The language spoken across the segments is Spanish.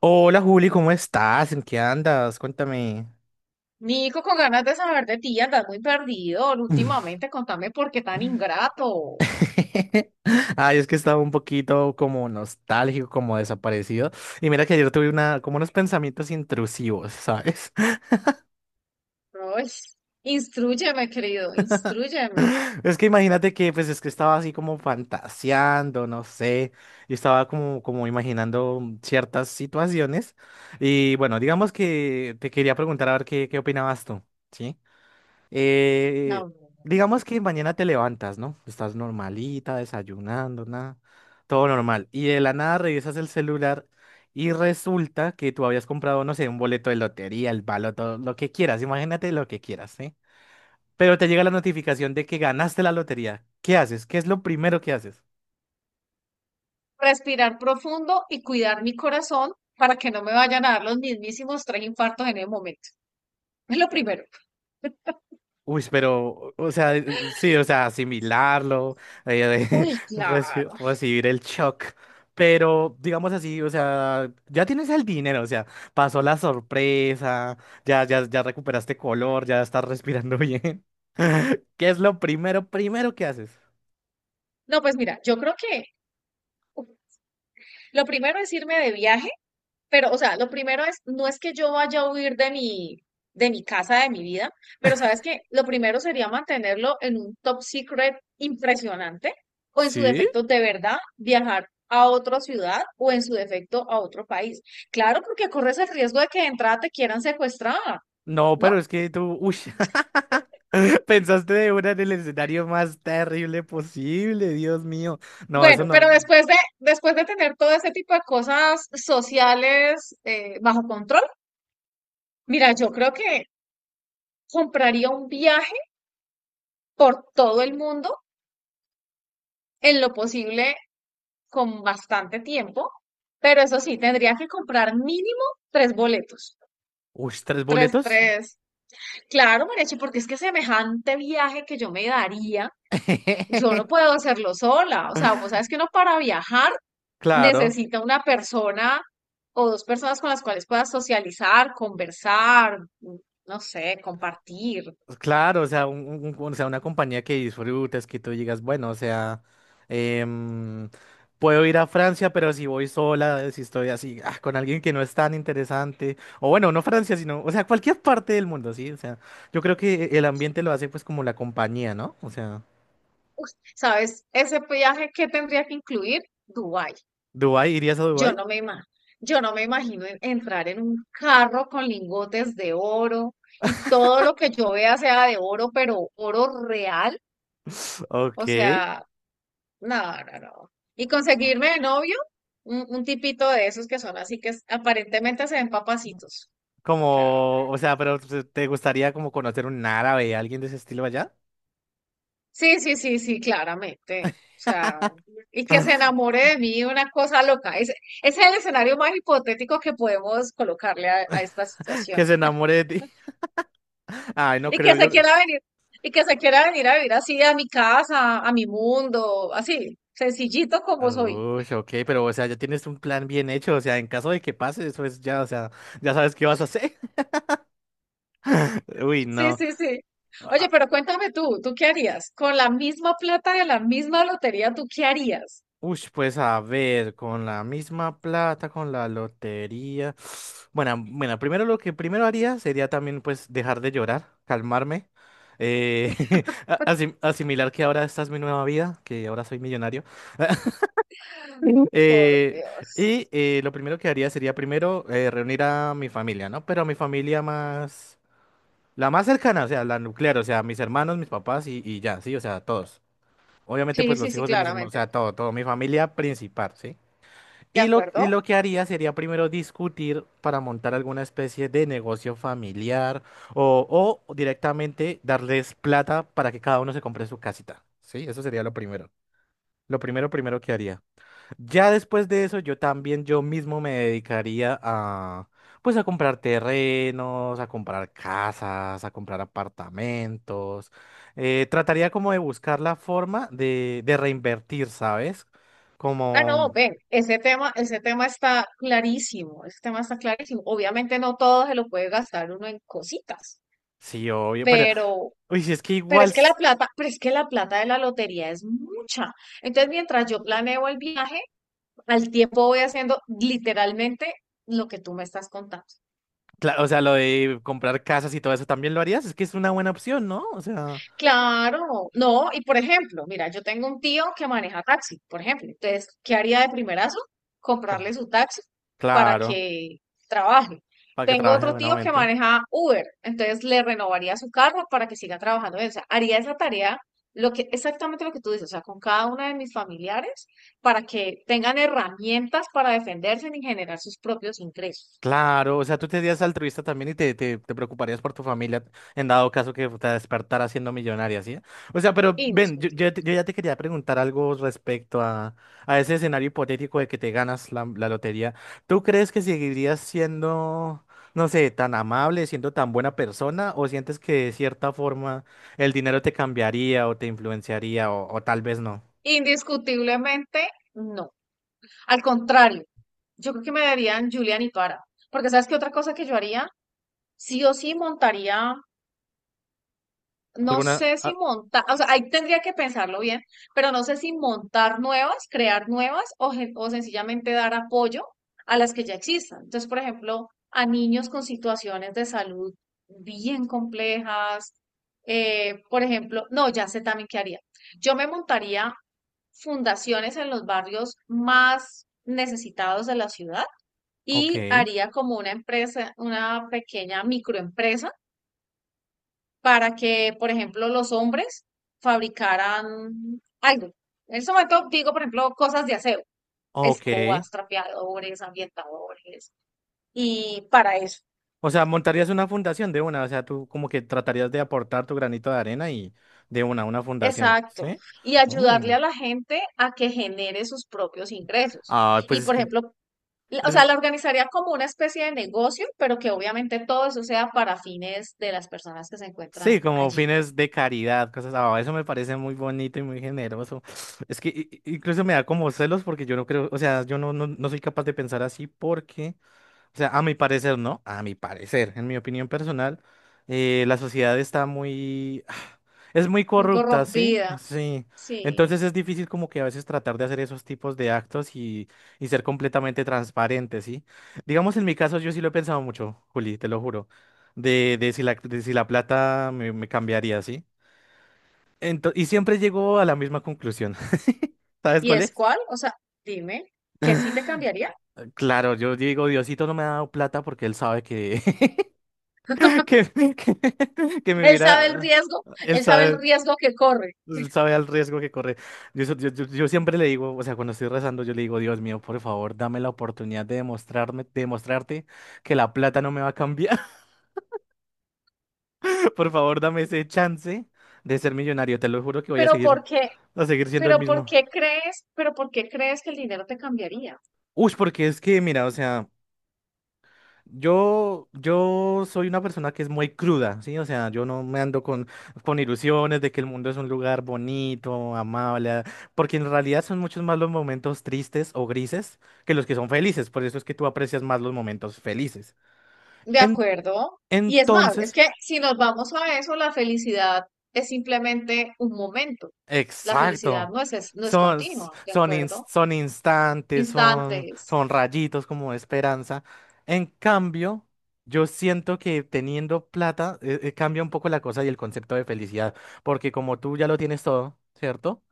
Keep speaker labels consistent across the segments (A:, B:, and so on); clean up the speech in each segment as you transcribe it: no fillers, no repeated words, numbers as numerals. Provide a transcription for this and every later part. A: Hola Juli, ¿cómo estás? ¿En qué andas? Cuéntame.
B: Nico, con ganas de saber de ti, andas muy perdido últimamente. Contame por qué tan ingrato.
A: Ay, es que estaba un poquito como nostálgico, como desaparecido. Y mira que ayer tuve una, como unos pensamientos intrusivos, ¿sabes?
B: Ay, instrúyeme, querido, instrúyeme.
A: Es que imagínate que, pues es que estaba así como fantaseando, no sé, y estaba como, como imaginando ciertas situaciones. Y bueno, digamos que te quería preguntar a ver qué, qué opinabas tú, ¿sí? Eh,
B: No, no, no.
A: digamos que mañana te levantas, ¿no? Estás normalita, desayunando, nada, todo normal. Y de la nada revisas el celular y resulta que tú habías comprado, no sé, un boleto de lotería, el baloto, lo que quieras, imagínate lo que quieras, ¿sí? Pero te llega la notificación de que ganaste la lotería. ¿Qué haces? ¿Qué es lo primero que haces?
B: Respirar profundo y cuidar mi corazón para que no me vayan a dar los mismísimos tres infartos en el momento. Es lo primero.
A: Uy, pero, o sea, sí, o sea, asimilarlo, de
B: Uy, claro.
A: recibir el shock. Pero, digamos así, o sea, ya tienes el dinero, o sea, pasó la sorpresa, ya, ya, ya recuperaste color, ya estás respirando bien. ¿Qué es lo primero, primero que haces?
B: No, pues mira, yo creo que uf, lo primero es irme de viaje. Pero, o sea, lo primero es, no es que yo vaya a huir de de mi casa, de mi vida, pero sabes que lo primero sería mantenerlo en un top secret impresionante o, en su
A: ¿Sí?
B: defecto, de verdad viajar a otra ciudad o, en su defecto, a otro país. Claro, porque corres el riesgo de que de entrada te quieran secuestrar,
A: No,
B: ¿no?
A: pero es que tú, uy, pensaste de una en el escenario más terrible posible, Dios mío. No, eso
B: Bueno, pero
A: no.
B: después de tener todo ese tipo de cosas sociales bajo control, mira, yo creo que compraría un viaje por todo el mundo, en lo posible con bastante tiempo, pero eso sí, tendría que comprar mínimo tres boletos.
A: Uy, ¿tres
B: Tres,
A: boletos?
B: tres. Claro, Marechi, porque es que semejante viaje que yo me daría, yo no puedo hacerlo sola. O sea, vos sabes que uno para viajar
A: Claro,
B: necesita una persona o dos personas con las cuales puedas socializar, conversar, no sé, compartir.
A: claro, o sea, o sea, una compañía que disfrutes, que tú digas, bueno, o sea, em, puedo ir a Francia, pero si voy sola, si estoy así, ah, con alguien que no es tan interesante, o bueno, no Francia, sino, o sea, cualquier parte del mundo, sí, o sea, yo creo que el ambiente lo hace pues como la compañía, ¿no? O sea,
B: Uf, ¿sabes? Ese viaje que tendría que incluir Dubái.
A: ¿Dubái? ¿Irías a
B: Yo
A: Dubái?
B: no me ima- yo no me imagino entrar en un carro con lingotes de oro y todo lo que yo vea sea de oro, pero oro real.
A: Ok,
B: O sea, no, no, no. Y conseguirme de novio un tipito de esos que son así, que aparentemente se ven papacitos. O sea,
A: como, o sea, pero pues, ¿te gustaría como conocer un árabe, alguien de ese estilo allá?
B: sí, sí, sí, sí, claramente. O sea, y que se enamore de mí, una cosa loca. Ese es el escenario más hipotético que podemos colocarle a esta situación.
A: Que se enamore de ti. Ay, no
B: Y que
A: creo
B: se
A: yo.
B: quiera venir, y que se quiera venir a vivir así a mi casa, a mi mundo, así, sencillito como soy.
A: Uy, ok, pero o sea, ya tienes un plan bien hecho, o sea, en caso de que pase, eso es ya, o sea, ya sabes qué vas a hacer. Uy,
B: Sí,
A: no.
B: sí, sí. Oye,
A: Ah,
B: pero cuéntame tú, ¿tú qué harías? Con la misma plata, de la misma lotería, ¿tú qué harías?
A: uy, pues a ver, con la misma plata, con la lotería. Bueno, bueno, primero lo que primero haría sería también pues dejar de llorar, calmarme, eh, asimilar que ahora esta es mi nueva vida, que ahora soy millonario. Ujú.
B: Por
A: Y
B: Dios.
A: lo primero que haría sería primero reunir a mi familia, ¿no? Pero a mi familia más... La más cercana, o sea, la nuclear, o sea, mis hermanos, mis papás y ya, sí, o sea, todos. Obviamente,
B: Sí,
A: pues
B: sí,
A: los
B: sí,
A: hijos de mis hermanos, o
B: claramente.
A: sea, todo, todo, mi familia principal, ¿sí?
B: ¿De
A: Y lo, y
B: acuerdo?
A: lo que haría sería primero discutir para montar alguna especie de negocio familiar o directamente darles plata para que cada uno se compre su casita, ¿sí? Eso sería lo primero. Lo primero, primero que haría. Ya después de eso, yo también yo mismo me dedicaría a, pues, a comprar terrenos, a comprar casas, a comprar apartamentos. Trataría como de buscar la forma de reinvertir, ¿sabes?
B: Ah, no,
A: Como,
B: ven, ese tema está clarísimo, ese tema está clarísimo. Obviamente no todo se lo puede gastar uno en cositas,
A: sí, obvio, pero,
B: pero
A: uy, si es que
B: Pero
A: igual,
B: es que la plata, pero es que la plata de la lotería es mucha. Entonces, mientras yo planeo el viaje, al tiempo voy haciendo literalmente lo que tú me estás contando.
A: o sea, lo de comprar casas y todo eso también lo harías, es que es una buena opción, ¿no? O sea,
B: Claro, no, y por ejemplo, mira, yo tengo un tío que maneja taxi, por ejemplo, entonces, ¿qué haría de primerazo? Comprarle
A: co-
B: su taxi para
A: claro,
B: que trabaje.
A: para que
B: Tengo
A: trabaje
B: otro tío que
A: buenamente.
B: maneja Uber, entonces le renovaría su carro para que siga trabajando en él. O sea, haría esa tarea, exactamente lo que tú dices, o sea, con cada una de mis familiares, para que tengan herramientas para defenderse y generar sus propios ingresos.
A: Claro, o sea, tú te serías altruista también y te preocuparías por tu familia en dado caso que te despertara siendo millonaria, ¿sí? O sea, pero ven, yo, yo
B: Indiscutible.
A: te- yo ya te quería preguntar algo respecto a ese escenario hipotético de que te ganas la lotería. ¿Tú crees que seguirías siendo, no sé, tan amable, siendo tan buena persona, o sientes que de cierta forma el dinero te cambiaría o te influenciaría o tal vez no?
B: Indiscutiblemente, no. Al contrario, yo creo que me darían Julian y Tuara. Porque sabes qué otra cosa que yo haría, sí o sí montaría, no
A: ¿Alguna?
B: sé si
A: Ah,
B: montar, o sea, ahí tendría que pensarlo bien, pero no sé si montar nuevas, crear nuevas, o, o sencillamente dar apoyo a las que ya existan. Entonces, por ejemplo, a niños con situaciones de salud bien complejas, por ejemplo, no, ya sé también qué haría. Yo me montaría fundaciones en los barrios más necesitados de la ciudad
A: ok,
B: y haría como una empresa, una pequeña microempresa, para que, por ejemplo, los hombres fabricaran algo. En ese momento digo, por ejemplo, cosas de aseo,
A: ok.
B: escobas, trapeadores, ambientadores, y para eso.
A: O sea, montarías una fundación de una, o sea, tú como que tratarías de aportar tu granito de arena y de una fundación,
B: Exacto.
A: ¿sí?
B: Y
A: Mm.
B: ayudarle a la gente a que genere sus propios ingresos.
A: Ah, pues
B: Y,
A: es
B: por
A: que,
B: ejemplo, o
A: es-
B: sea, la organizaría como una especie de negocio, pero que obviamente todo eso sea para fines de las personas que se encuentran
A: sí, como
B: allí.
A: fines de caridad, cosas, ah, eso me parece muy bonito y muy generoso. Es que incluso me da como celos porque yo no creo, o sea, yo no, no, no soy capaz de pensar así porque o sea, a mi parecer, ¿no? A mi parecer, en mi opinión personal, la sociedad está muy... Es muy
B: Muy
A: corrupta, ¿sí?
B: corrompida.
A: Sí. Entonces
B: Sí.
A: es difícil como que a veces tratar de hacer esos tipos de actos y ser completamente transparente, ¿sí? Digamos, en mi caso yo sí lo he pensado mucho, Juli, te lo juro, de, de si la plata me cambiaría, ¿sí? Y siempre llego a la misma conclusión. ¿Sabes
B: ¿Y
A: cuál
B: es
A: es?
B: cuál? O sea, dime, que sí te cambiaría.
A: Claro, yo digo, Diosito no me ha dado plata porque él sabe que que, que me
B: Él sabe el
A: viera,
B: riesgo,
A: él
B: él sabe el
A: sabe,
B: riesgo que corre.
A: él sabe al riesgo que corre. Yo, so- yo siempre le digo, o sea, cuando estoy rezando, yo le digo, Dios mío, por favor, dame la oportunidad de demostrarme, demostrarte que la plata no me va a cambiar. Por favor, dame ese chance de ser millonario. Te lo juro que voy
B: Pero ¿por qué?
A: a seguir siendo el
B: Pero ¿por
A: mismo.
B: qué crees? Pero ¿por qué crees que el dinero te cambiaría?
A: Uy, porque es que, mira, o sea. Yo soy una persona que es muy cruda, ¿sí? O sea, yo no me ando con ilusiones de que el mundo es un lugar bonito, amable, porque en realidad son muchos más los momentos tristes o grises que los que son felices, por eso es que tú aprecias más los momentos felices.
B: De
A: En-
B: acuerdo. Y es más, es
A: entonces,
B: que si nos vamos a eso, la felicidad es simplemente un momento. La felicidad
A: exacto.
B: no es, no es
A: Son,
B: continua, ¿de
A: son,
B: acuerdo?
A: son instantes, son,
B: Instantes.
A: son rayitos como de esperanza. En cambio, yo siento que teniendo plata cambia un poco la cosa y el concepto de felicidad, porque como tú ya lo tienes todo, ¿cierto?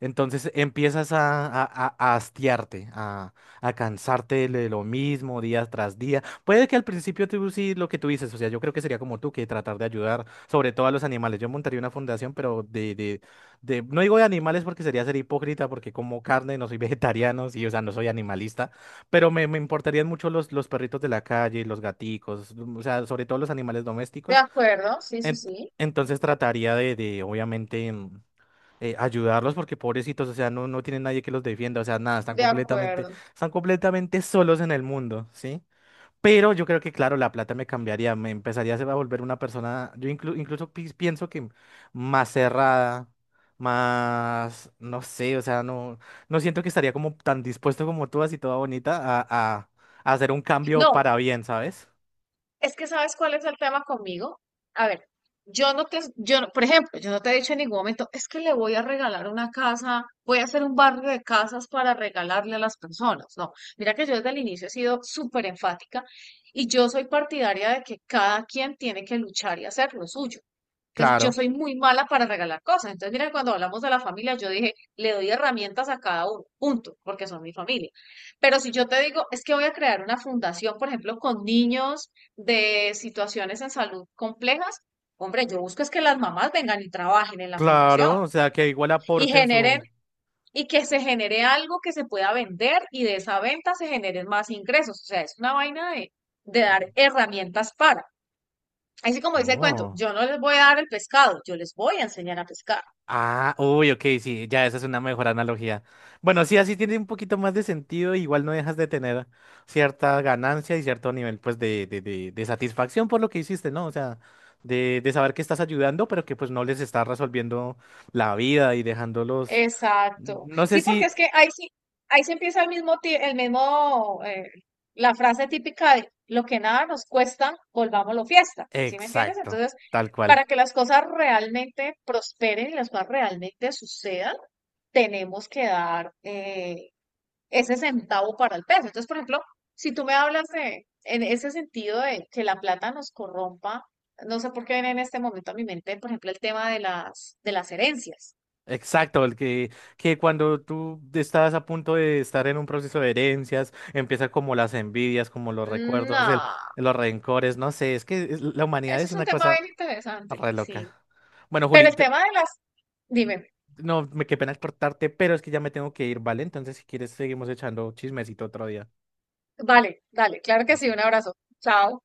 A: Entonces empiezas a hastiarte, a cansarte de lo mismo día tras día. Puede que al principio tú sí lo que tú dices, o sea, yo creo que sería como tú, que tratar de ayudar sobre todo a los animales. Yo montaría una fundación, pero no digo de animales porque sería ser hipócrita, porque como carne, no soy vegetariano, sí, o sea, no soy animalista, pero me importarían mucho los perritos de la calle, los gaticos, o sea, sobre todo los animales
B: De
A: domésticos.
B: acuerdo, sí, sí,
A: En-
B: sí.
A: entonces trataría de obviamente. Ayudarlos porque pobrecitos, o sea, no, no tienen nadie que los defienda, o sea, nada,
B: De acuerdo.
A: están completamente solos en el mundo, ¿sí? Pero yo creo que, claro, la plata me cambiaría, me empezaría a volver una persona, yo incluso pienso que más cerrada, más, no sé, o sea, no, no siento que estaría como tan dispuesto como tú, así toda bonita, a a hacer un cambio
B: No,
A: para bien, ¿sabes?
B: es que sabes cuál es el tema conmigo. A ver, yo no- por ejemplo, yo no te he dicho en ningún momento, es que le voy a regalar una casa, voy a hacer un barrio de casas para regalarle a las personas. No, mira que yo desde el inicio he sido súper enfática y yo soy partidaria de que cada quien tiene que luchar y hacer lo suyo. Entonces, yo
A: Claro,
B: soy muy mala para regalar cosas. Entonces, mira, cuando hablamos de la familia, yo dije, le doy herramientas a cada uno, punto, porque son mi familia. Pero si yo te digo, es que voy a crear una fundación, por ejemplo, con niños de situaciones en salud complejas, hombre, yo busco es que las mamás vengan y trabajen en la fundación
A: claro, o sea, que igual
B: y
A: aporten
B: generen,
A: su...
B: y que se genere algo que se pueda vender y de esa venta se generen más ingresos. O sea, es una vaina de dar herramientas para. Así como dice el cuento,
A: Oh.
B: yo no les voy a dar el pescado, yo les voy a enseñar a pescar.
A: Ah, uy, ok, sí, ya esa es una mejor analogía. Bueno, sí, así tiene un poquito más de sentido, igual no dejas de tener cierta ganancia y cierto nivel, pues, de satisfacción por lo que hiciste, ¿no? O sea, de saber que estás ayudando, pero que pues no les estás resolviendo la vida y dejándolos,
B: Exacto.
A: no sé
B: Sí, porque
A: si,
B: es que ahí sí, ahí se empieza el mismo, la frase típica de lo que nada nos cuesta, volvámoslo fiesta. ¿Sí me entiendes?
A: exacto,
B: Entonces,
A: tal cual.
B: para que las cosas realmente prosperen y las cosas realmente sucedan, tenemos que dar ese centavo para el peso. Entonces, por ejemplo, si tú me hablas de, en ese sentido de que la plata nos corrompa, no sé por qué viene en este momento a mi mente, por ejemplo, el tema de las herencias.
A: Exacto, el que cuando tú estás a punto de estar en un proceso de herencias, empiezan como las envidias, como los recuerdos, el,
B: No.
A: los rencores, no sé, es que la humanidad
B: Eso
A: es
B: es un
A: una
B: tema
A: cosa
B: bien interesante,
A: re
B: sí.
A: loca. Bueno,
B: Pero
A: Juli,
B: el tema de las, dime,
A: no, me qué pena cortarte, pero es que ya me tengo que ir, ¿vale? Entonces, si quieres, seguimos echando chismecito otro día.
B: vale, dale, claro que sí,
A: Listo.
B: un abrazo. Chao.